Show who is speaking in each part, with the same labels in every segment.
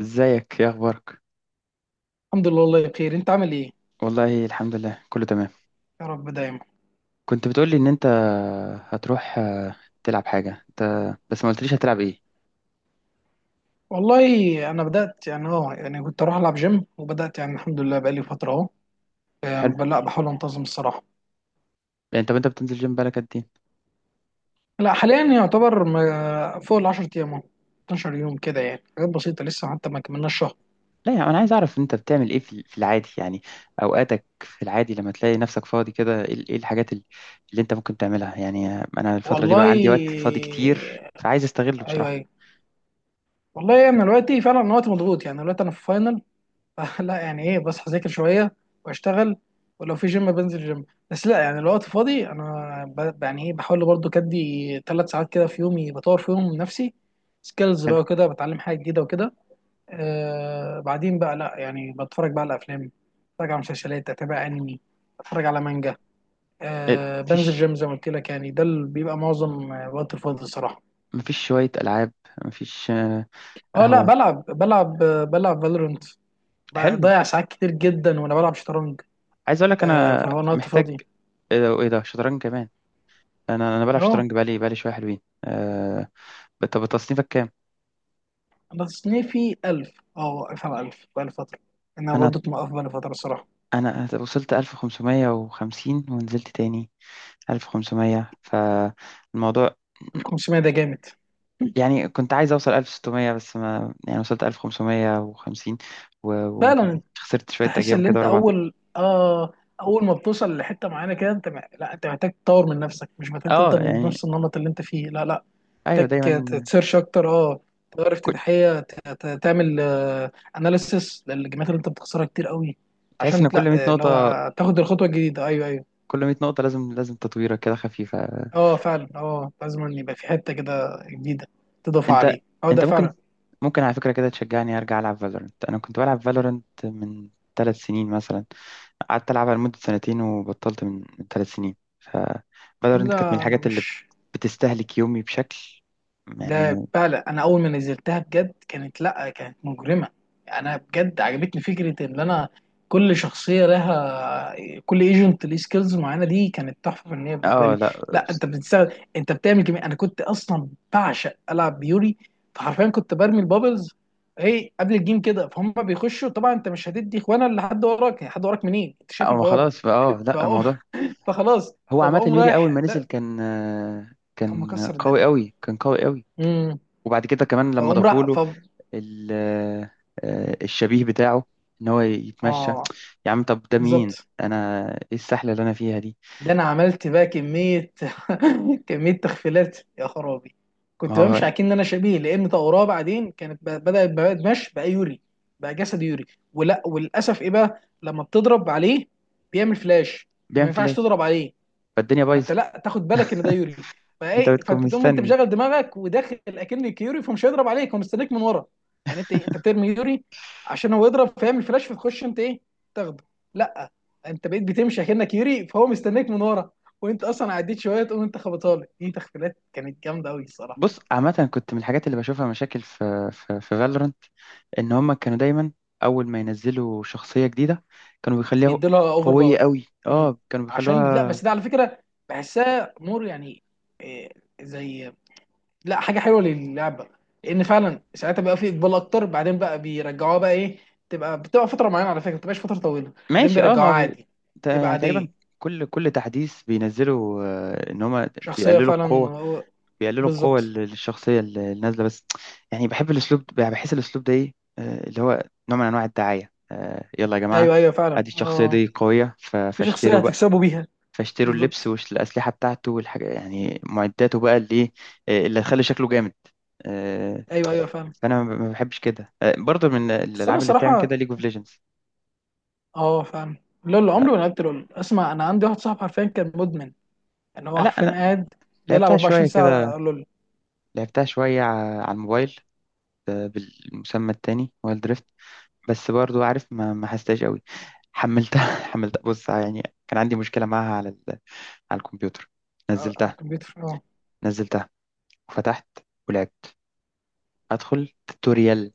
Speaker 1: ازيك، ايه اخبارك؟
Speaker 2: الحمد لله، والله بخير. انت عامل ايه؟
Speaker 1: والله الحمد لله، كله تمام.
Speaker 2: يا رب دايما.
Speaker 1: كنت بتقولي ان انت هتروح، تلعب حاجه. انت بس ما قلتليش هتلعب ايه.
Speaker 2: والله انا بدات، يعني يعني كنت اروح العب جيم. وبدات، يعني الحمد لله بقالي فتره اهو. يعني
Speaker 1: حلو.
Speaker 2: لا، بحاول انتظم الصراحه.
Speaker 1: يعني طب انت بتنزل جيم بقالك قد ايه؟
Speaker 2: لا، حاليا يعتبر فوق ال 10 ايام اهو. 12 يوم كده، يعني حاجات بسيطه لسه، حتى ما كملناش شهر.
Speaker 1: لا يعني انا عايز اعرف انت بتعمل ايه في العادي يعني. اوقاتك في العادي لما تلاقي نفسك فاضي كده، ايه ال- إيه الحاجات ال- اللي انت ممكن تعملها؟ يعني آه، انا الفتره دي بقى عندي وقت
Speaker 2: والله.
Speaker 1: فاضي كتير فعايز استغله
Speaker 2: ايوه، ايوه.
Speaker 1: بصراحه.
Speaker 2: والله انا يعني دلوقتي فعلا، انا وقتي مضغوط، يعني دلوقتي انا في فاينل. لا يعني ايه، بصحى اذاكر شويه. واشتغل. ولو في جيم بنزل جيم. بس لا يعني الوقت فاضي انا، يعني ايه، بحاول برضو كدي 3 ساعات كده في يومي، بطور فيهم من نفسي. سكيلز بقى
Speaker 1: حلو.
Speaker 2: وكده، بتعلم حاجه جديده وكده. بعدين بقى، لا يعني بتفرج بقى على افلام. بتفرج على مسلسلات، اتابع انمي. بتفرج على مانجا.
Speaker 1: إيه،
Speaker 2: بنزل
Speaker 1: مفيش؟
Speaker 2: جيم زي ما قلت لك، يعني ده اللي بيبقى معظم وقت الفاضي الصراحه.
Speaker 1: مفيش شويه العاب؟ مفيش
Speaker 2: اه لا،
Speaker 1: قهوه؟
Speaker 2: بلعب، بلعب فالورنت.
Speaker 1: حلو.
Speaker 2: بضيع ساعات كتير جدا وانا بلعب شطرنج.
Speaker 1: عايز اقول لك انا
Speaker 2: فهو انا وقت
Speaker 1: محتاج.
Speaker 2: فاضي.
Speaker 1: ايه ده؟ إيه ده؟ شطرنج كمان؟ انا بلعب
Speaker 2: اه
Speaker 1: شطرنج بقالي شويه حلوين طب تصنيفك كام؟
Speaker 2: انا تصنيفي 1000. اه واقف على 1000 بقالي فتره. انا
Speaker 1: انا
Speaker 2: برضو موقف بقالي فتره الصراحه.
Speaker 1: انا وصلت 1550 ونزلت تاني 1500 فالموضوع.
Speaker 2: ال 500 ده جامد.
Speaker 1: يعني كنت عايز اوصل 1600 بس ما يعني وصلت 1550 و- وما
Speaker 2: فعلا
Speaker 1: كملتش،
Speaker 2: انت.
Speaker 1: خسرت شويه
Speaker 2: تحس
Speaker 1: ايام
Speaker 2: ان
Speaker 1: كده
Speaker 2: انت،
Speaker 1: ورا بعض.
Speaker 2: اول ما بتوصل لحته معينه كده انت لا، انت محتاج تطور من نفسك، مش محتاج
Speaker 1: اه
Speaker 2: تفضل من
Speaker 1: يعني
Speaker 2: نفس النمط اللي انت فيه. لا، لا.
Speaker 1: ايوه
Speaker 2: محتاج
Speaker 1: دايما.
Speaker 2: تسيرش اكتر. اه تغير
Speaker 1: كل...
Speaker 2: افتتاحيه، تعمل اناليسيس للجيمات اللي انت بتخسرها كتير قوي.
Speaker 1: تحس
Speaker 2: عشان
Speaker 1: ان
Speaker 2: لا،
Speaker 1: كل 100
Speaker 2: اللي
Speaker 1: نقطه،
Speaker 2: هو تاخد الخطوه الجديده. ايوه، ايوه.
Speaker 1: كل 100 نقطه لازم لازم تطويره كده خفيفه.
Speaker 2: اه فعلا. اه لازم ان يبقى في حته كده جديده، تضاف
Speaker 1: انت
Speaker 2: عليه. اه ده
Speaker 1: انت
Speaker 2: فعلا.
Speaker 1: ممكن، ممكن على فكرة كده تشجعني ارجع العب فالورنت. انا كنت بلعب فالورنت من ثلاث سنين مثلا، قعدت العبها لمدة سنتين وبطلت من ثلاث سنين ف فالورنت كانت من
Speaker 2: لا انا
Speaker 1: الحاجات اللي
Speaker 2: مش.
Speaker 1: بتستهلك يومي بشكل
Speaker 2: ده
Speaker 1: يعني.
Speaker 2: فعلا، انا اول ما نزلتها بجد كانت، لا كانت مجرمه. انا بجد عجبتني فكره ان انا، كل شخصيه لها، كل ايجنت ليه سكيلز معينه. دي كانت تحفه فنيه بالنسبه
Speaker 1: اه
Speaker 2: لي.
Speaker 1: لا.
Speaker 2: لا، انت بتستخدم، انت بتعمل كمية. انا كنت اصلا بعشق العب بيوري. فحرفيا كنت برمي البابلز، ايه، قبل الجيم كده فهم بيخشوا طبعا. انت مش هتدي اخوانا اللي حد وراك، يعني حد وراك منين؟ انت شايف
Speaker 1: اه
Speaker 2: البوابه.
Speaker 1: خلاص بقى. اه لا،
Speaker 2: فأقوم.
Speaker 1: الموضوع
Speaker 2: فخلاص.
Speaker 1: هو عامة
Speaker 2: فبقوم
Speaker 1: يوري اول
Speaker 2: رايح
Speaker 1: ما نزل
Speaker 2: ده.
Speaker 1: كان،
Speaker 2: كان
Speaker 1: كان
Speaker 2: مكسر
Speaker 1: قوي
Speaker 2: الدنيا.
Speaker 1: قوي، كان قوي قوي.
Speaker 2: امم.
Speaker 1: وبعد كده كمان لما
Speaker 2: فبقوم
Speaker 1: ضافوا
Speaker 2: رايح
Speaker 1: له ال- الشبيه بتاعه ان هو يتمشى.
Speaker 2: اه،
Speaker 1: يا عم طب ده مين؟
Speaker 2: بالظبط.
Speaker 1: انا ايه السحله اللي انا فيها دي؟
Speaker 2: ده انا عملت بقى كميه. كميه تخفيلات يا خرابي.
Speaker 1: ما
Speaker 2: كنت
Speaker 1: هو
Speaker 2: بمشي اكن ان انا شبيه لان طوراء. بعدين كانت بدات بقى مشي بقى يوري. بقى جسد يوري. ولا وللاسف ايه بقى لما بتضرب عليه، بيعمل فلاش. فما
Speaker 1: بيعمل
Speaker 2: ينفعش
Speaker 1: فلاش،
Speaker 2: تضرب عليه.
Speaker 1: فالدنيا
Speaker 2: فانت
Speaker 1: بايظه.
Speaker 2: لا تاخد بالك ان ده يوري.
Speaker 1: فانت
Speaker 2: فايه،
Speaker 1: بتكون
Speaker 2: فانت تقوم انت
Speaker 1: مستني.
Speaker 2: مشغل دماغك وداخل اكنك يوري فمش هيضرب عليك. هو مستنيك من ورا. يعني انت إيه، انت بترمي يوري عشان هو يضرب فيعمل فلاش، فتخش انت ايه، تاخده. لا، انت بقيت بتمشي اكنك يوري فهو مستنيك من ورا. وانت اصلا عديت شويه تقوم انت خبطها له. دي تخفيلات كانت جامده قوي الصراحه.
Speaker 1: بص، عامه كنت من الحاجات اللي بشوفها مشاكل في فالورنت ان هم كانوا دايما اول ما ينزلوا شخصيه جديده كانوا بيخليها
Speaker 2: بيدوا لها اوفر
Speaker 1: قويه
Speaker 2: باور.
Speaker 1: قوي.
Speaker 2: امم.
Speaker 1: اه كانوا
Speaker 2: عشان لا،
Speaker 1: بيخلوها.
Speaker 2: بس ده على فكره بحسها مور، يعني إيه، زي، لا حاجه حلوه للعبه. لان فعلا ساعتها بقى في اقبال اكتر. بعدين بقى بيرجعوها بقى ايه، بتبقى فتره معينه. على فكره ما بتبقاش فتره طويله، بعدين
Speaker 1: ماشي. اه ما
Speaker 2: بيرجعوها
Speaker 1: هو
Speaker 2: عادي.
Speaker 1: ده
Speaker 2: تبقى
Speaker 1: يعني تقريبا
Speaker 2: عاديه.
Speaker 1: كل تحديث بينزلوا، ان هم
Speaker 2: شخصيه
Speaker 1: بيقللوا
Speaker 2: فعلا
Speaker 1: القوه، بيقللوا القوة
Speaker 2: بالظبط.
Speaker 1: ال- الشخصية ال- النازلة بس. يعني بحب الأسلوب ده- بحس الأسلوب ده إيه، اللي هو نوع من أنواع الدعاية. يلا يا جماعة،
Speaker 2: ايوه، ايوه، فعلا.
Speaker 1: أدي الشخصية
Speaker 2: اه
Speaker 1: دي قوية ف-
Speaker 2: في شخصيه
Speaker 1: فاشتروا بقى،
Speaker 2: هتكسبوا بيها.
Speaker 1: فاشتروا اللبس
Speaker 2: بالظبط.
Speaker 1: والأسلحة بتاعته والحاجة يعني معداته بقى اللي إيه، اللي هتخلي شكله جامد. آه،
Speaker 2: ايوه، ايوه، فعلا.
Speaker 1: فأنا ما بحبش كده، برضه من
Speaker 2: بس انا
Speaker 1: الألعاب اللي بتعمل
Speaker 2: الصراحه،
Speaker 1: كده ليج اوف ليجندز.
Speaker 2: اه فعلا. لول، عمري ما لعبت لول. اسمع، انا عندي واحد صاحبي حرفيا كان مدمن. يعني هو
Speaker 1: لا
Speaker 2: حرفيا
Speaker 1: أنا
Speaker 2: قاعد بيلعب
Speaker 1: لعبتها شوية
Speaker 2: 24
Speaker 1: كده،
Speaker 2: ساعه لول.
Speaker 1: لعبتها شوية ع- على الموبايل، بالمسمى التاني وايلد. بس برضو عارف ما حستهاش قوي. حملتها حملتها. بص يعني كان عندي مشكلة معاها على ال... على الكمبيوتر.
Speaker 2: على
Speaker 1: نزلتها،
Speaker 2: الكمبيوتر، اه.
Speaker 1: نزلتها وفتحت ولعبت، ادخل توتوريال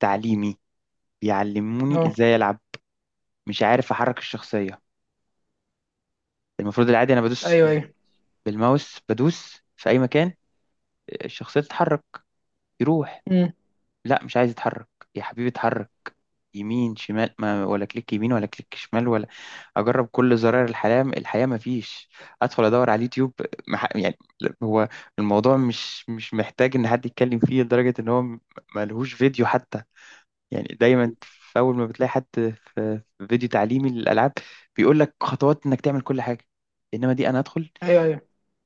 Speaker 1: تعليمي بيعلموني
Speaker 2: اه.
Speaker 1: ازاي العب. مش عارف احرك الشخصية. المفروض العادي انا بدوس
Speaker 2: ايوه،
Speaker 1: بال...
Speaker 2: ايوه.
Speaker 1: بالماوس، بدوس في اي مكان الشخصية تتحرك، يروح.
Speaker 2: امم.
Speaker 1: لا مش عايز يتحرك. يا حبيبي اتحرك يمين شمال. ما ولا كليك يمين ولا كليك شمال ولا، اجرب كل زراير الحياه، الحياه ما فيش. ادخل ادور على اليوتيوب. مح... يعني لا، هو الموضوع مش محتاج ان حد يتكلم فيه لدرجه ان هو م- ملهوش فيديو حتى. يعني دايما في اول ما بتلاقي حد في في فيديو تعليمي للالعاب بيقول لك خطوات انك تعمل كل حاجه. انما دي انا ادخل
Speaker 2: ايوه، ايوه.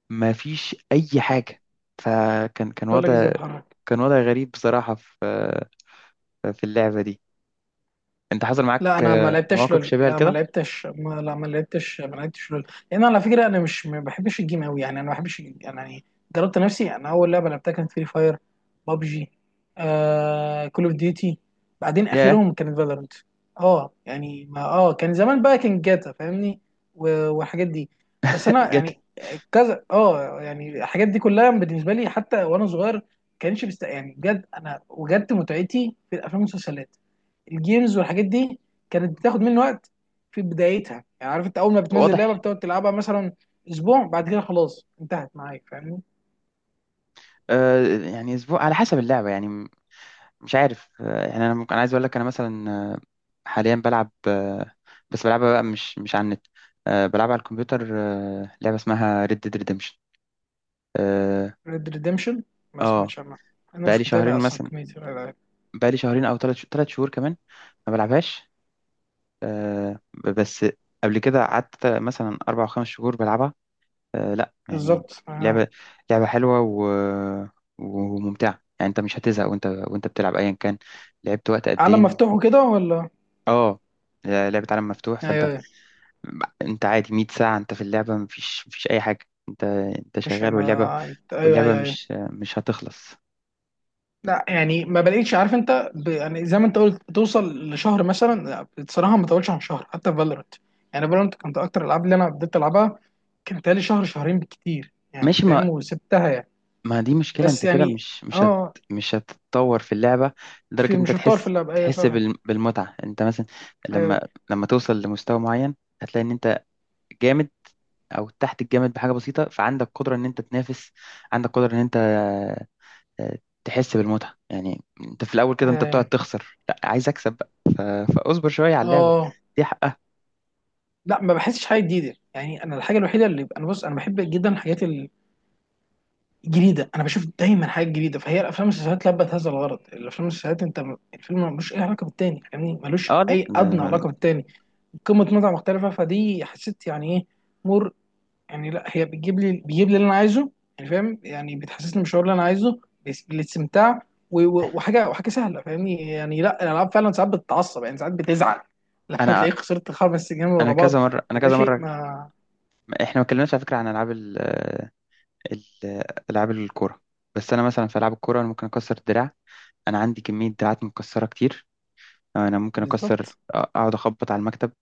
Speaker 1: ما فيش اي حاجه. فكان كان
Speaker 2: تقول لك ازاي
Speaker 1: وضع،
Speaker 2: اتحرك.
Speaker 1: كان وضع غريب بصراحه في في اللعبه دي. انت حصل معاك
Speaker 2: لا انا ما لعبتش
Speaker 1: مواقف
Speaker 2: لول،
Speaker 1: شبيهه
Speaker 2: لا ما
Speaker 1: لكده؟
Speaker 2: لعبتش، ما، لا، ما لعبتش، ما لعبتش لول، لان على فكره انا مش ما بحبش الجيم قوي، يعني انا ما بحبش الجيم. يعني جربت نفسي. انا اول لعبه لعبتها كانت فري فاير، بابجي، كول اوف ديوتي، بعدين
Speaker 1: يا
Speaker 2: اخرهم كانت فالورنت. اه يعني ما، كان زمان بقى كان جاتا، فاهمني؟ والحاجات دي. بس انا
Speaker 1: جت.
Speaker 2: يعني، كذا، يعني الحاجات دي كلها بالنسبه لي، حتى وانا صغير، كانش يعني بجد انا وجدت متعتي في الافلام والمسلسلات. الجيمز والحاجات دي كانت بتاخد مني وقت في بدايتها، يعني عارف انت، اول ما بتنزل لعبه
Speaker 1: واضح.
Speaker 2: بتقعد تلعبها مثلا اسبوع، بعد كده خلاص انتهت معاك، فاهمني؟
Speaker 1: آه يعني اسبوع على حسب اللعبه يعني م- مش عارف. آه يعني انا ممكن، أنا عايز اقول لك انا مثلا حاليا بلعب آه، بس بلعبها بقى مش على النت. آه بلعب على الكمبيوتر. آه لعبه اسمها ريد ديد ريدمشن. اه
Speaker 2: ريد ريديمشن، ما
Speaker 1: آه،
Speaker 2: سمعتش عنها. انا
Speaker 1: بقالي
Speaker 2: مش
Speaker 1: شهرين
Speaker 2: متابع اصلا
Speaker 1: مثلا،
Speaker 2: كميه الالعاب.
Speaker 1: بقالي شهرين او ثلاث شهور كمان ما بلعبهاش. آه ب- بس قبل كده قعدت مثلا اربع او خمس شهور بلعبها. آه لا يعني
Speaker 2: بالظبط، آه.
Speaker 1: لعبة، لعبة حلوة و... وممتعة، يعني انت مش هتزهق وانت بتلعب ايا كان. لعبت وقت قد
Speaker 2: عالم
Speaker 1: ايه؟
Speaker 2: مفتوح وكده ولا؟
Speaker 1: اه لعبة عالم مفتوح، فانت
Speaker 2: ايوه، ايوه.
Speaker 1: انت عادي 100 ساعة انت في اللعبة مفيش، مفيش اي حاجة. انت
Speaker 2: مش،
Speaker 1: شغال واللعبة،
Speaker 2: ما انت، ايوه،
Speaker 1: واللعبة
Speaker 2: ايوه، ايوه.
Speaker 1: مش هتخلص.
Speaker 2: لا يعني ما بلاقيش، عارف انت، يعني زي ما انت قلت بتوصل لشهر مثلا، لا، بصراحه ما طولش عن شهر، حتى في فالورانت. يعني فالورانت كانت اكتر الالعاب اللي انا بديت العبها، كانت لي شهر شهرين بالكتير يعني،
Speaker 1: ماشي.
Speaker 2: فاهم؟
Speaker 1: ما
Speaker 2: وسبتها يعني.
Speaker 1: ما دي مشكلة،
Speaker 2: بس
Speaker 1: انت كده
Speaker 2: يعني،
Speaker 1: مش هت
Speaker 2: اه،
Speaker 1: مش هتتطور في اللعبة لدرجة
Speaker 2: في،
Speaker 1: انت
Speaker 2: مش هتطور في
Speaker 1: تحس،
Speaker 2: اللعبه، ايه
Speaker 1: تحس
Speaker 2: فعلا.
Speaker 1: بال- بالمتعة. انت مثلا
Speaker 2: ايوه.
Speaker 1: لما لما توصل لمستوى معين هتلاقي ان انت جامد او تحت الجامد بحاجه بسيطه، فعندك قدره ان انت تنافس، عندك قدره ان انت، آه، تحس بالمتعه. يعني انت في الاول كده انت بتقعد
Speaker 2: اه.
Speaker 1: تخسر، لا عايز اكسب بقى. ف- فاصبر شويه على اللعبه،
Speaker 2: آه.
Speaker 1: دي حقها.
Speaker 2: لا ما بحسش حاجه جديده، يعني انا الحاجه الوحيده اللي انا، بص، انا بحب جدا الحاجات جديده، انا بشوف دايما حاجات جديده، فهي الافلام والمسلسلات لبت هذا الغرض. الافلام والمسلسلات انت الفيلم ملوش اي علاقه بالتاني، فاهمني؟ ملوش
Speaker 1: اه لا
Speaker 2: اي ادنى
Speaker 1: ده-
Speaker 2: علاقه بالتاني. قمه متعه مختلفه، فدي حسيت يعني ايه، مر. يعني لا هي بتجيب لي، بيجيب لي اللي انا عايزه، يعني فاهم؟ يعني بتحسسني بالشعور اللي انا عايزه، بالاستمتاع. وحاجه سهله، فاهمني؟ يعني لا الالعاب فعلا ساعات بتتعصب، يعني ساعات بتزعل. لما
Speaker 1: انا،
Speaker 2: بتلاقيك خسرت 5 جيم
Speaker 1: انا
Speaker 2: ورا بعض،
Speaker 1: كذا مره، انا
Speaker 2: فده
Speaker 1: كذا
Speaker 2: شيء
Speaker 1: مره.
Speaker 2: ما.
Speaker 1: احنا ما اتكلمناش على فكره عن العاب ال- ال- العاب الكوره. بس انا مثلا في العاب الكوره انا ممكن اكسر الدراع. انا عندي كميه دراعات مكسره كتير. انا ممكن اكسر
Speaker 2: بالظبط.
Speaker 1: اقعد اخبط على المكتب،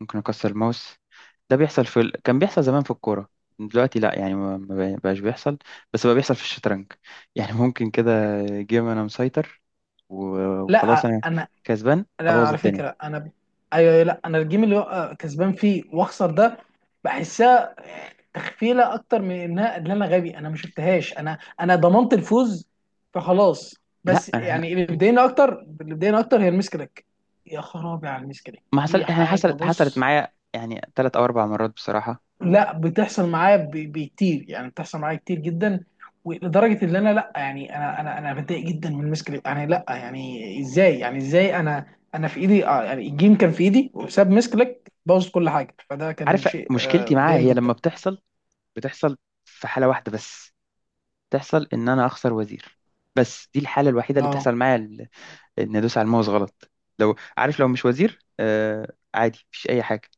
Speaker 1: ممكن اكسر الماوس. ده بيحصل في ال... كان بيحصل زمان في الكوره. دلوقتي لا يعني ما بقاش بيحصل. بس بقى بيحصل في الشطرنج يعني ممكن كده جيم انا مسيطر و- وخلاص
Speaker 2: لا
Speaker 1: انا
Speaker 2: انا.
Speaker 1: كسبان
Speaker 2: لا
Speaker 1: ابوظ
Speaker 2: على
Speaker 1: الدنيا.
Speaker 2: فكره انا ايوه، أيوة، لا انا الجيم اللي هو كسبان فيه واخسر ده، بحسها تخفيله اكتر من انها ان انا غبي، انا ما شفتهاش، انا ضمنت الفوز فخلاص.
Speaker 1: لا
Speaker 2: بس
Speaker 1: أنا،
Speaker 2: يعني، اللي بيضايقني اكتر، اللي بيضايقني اكتر، هي المسكلك. يا خرابي على المسكلك،
Speaker 1: ما حصل
Speaker 2: دي
Speaker 1: يعني،
Speaker 2: حاجه،
Speaker 1: حصلت حصلت
Speaker 2: بص.
Speaker 1: معايا يعني ثلاث او اربع مرات بصراحه.
Speaker 2: لا بتحصل معايا بكتير، يعني بتحصل معايا كتير جدا. ولدرجه ان انا، لا يعني انا، انا بتضايق جدا من مسك، يعني لا، يعني ازاي، يعني ازاي انا، انا في ايدي، يعني الجيم كان في ايدي وبسبب مسكلك بوظت كل حاجه، فده كان
Speaker 1: عارف
Speaker 2: شيء
Speaker 1: مشكلتي معاها
Speaker 2: مضايقني
Speaker 1: هي
Speaker 2: جدا.
Speaker 1: لما بتحصل، بتحصل في حاله واحده بس. تحصل ان انا اخسر وزير، بس دي الحاله الوحيده اللي
Speaker 2: اه،
Speaker 1: بتحصل معايا، ان ادوس على الماوس غلط. لو عارف لو مش وزير آه عادي مفيش اي حاجه.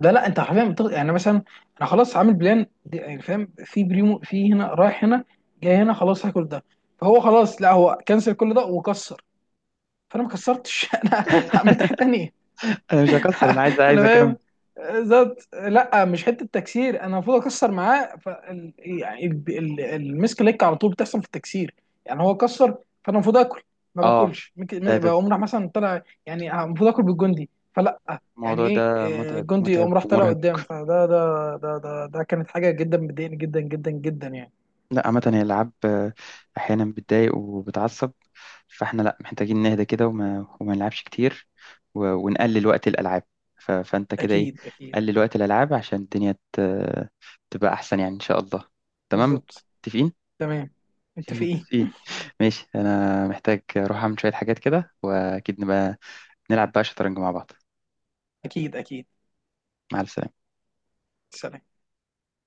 Speaker 2: لا، لا، انت حرفيا يعني مثلا انا خلاص عامل بلان يعني فاهم؟ في بريمو، في هنا رايح هنا جاي هنا، خلاص هاكل ده. فهو خلاص، لا هو كنسل كل ده وكسر. فانا ما كسرتش. انا عملت حاجه تانيه.
Speaker 1: انا مش هكسر، انا عايز، عايز
Speaker 2: انا
Speaker 1: اكمل.
Speaker 2: فاهم. ذات، لا مش حته تكسير، انا المفروض اكسر معاه يعني المسك ليك على طول بتحصل في التكسير. يعني هو كسر، فانا المفروض اكل، ما
Speaker 1: اه
Speaker 2: باكلش،
Speaker 1: ده
Speaker 2: ممكن
Speaker 1: ده
Speaker 2: بقوم راح مثلا طلع. يعني المفروض اكل بالجندي، فلا، يعني
Speaker 1: الموضوع
Speaker 2: ايه،
Speaker 1: ده متعب،
Speaker 2: الجندي
Speaker 1: متعب
Speaker 2: يقوم راح طلع
Speaker 1: ومرهق.
Speaker 2: قدام. فده ده ده ده ده كانت حاجه جدا مضايقني جدا جدا جدا يعني.
Speaker 1: لا عامه هي الالعاب، احيانا بتضايق وبتعصب. فاحنا لا محتاجين نهدى كده وما نلعبش كتير و- ونقلل وقت الالعاب. ف... فانت كده ايه،
Speaker 2: اكيد، اكيد.
Speaker 1: قلل وقت الالعاب عشان الدنيا ت... تبقى احسن يعني ان شاء الله. تمام.
Speaker 2: بالظبط.
Speaker 1: متفقين.
Speaker 2: تمام. متفقين.
Speaker 1: متفقين. ماشي انا محتاج اروح اعمل شوية حاجات كده. واكيد نبقى نلعب بقى شطرنج مع بعض.
Speaker 2: اكيد، اكيد.
Speaker 1: مع السلامة.
Speaker 2: سلام.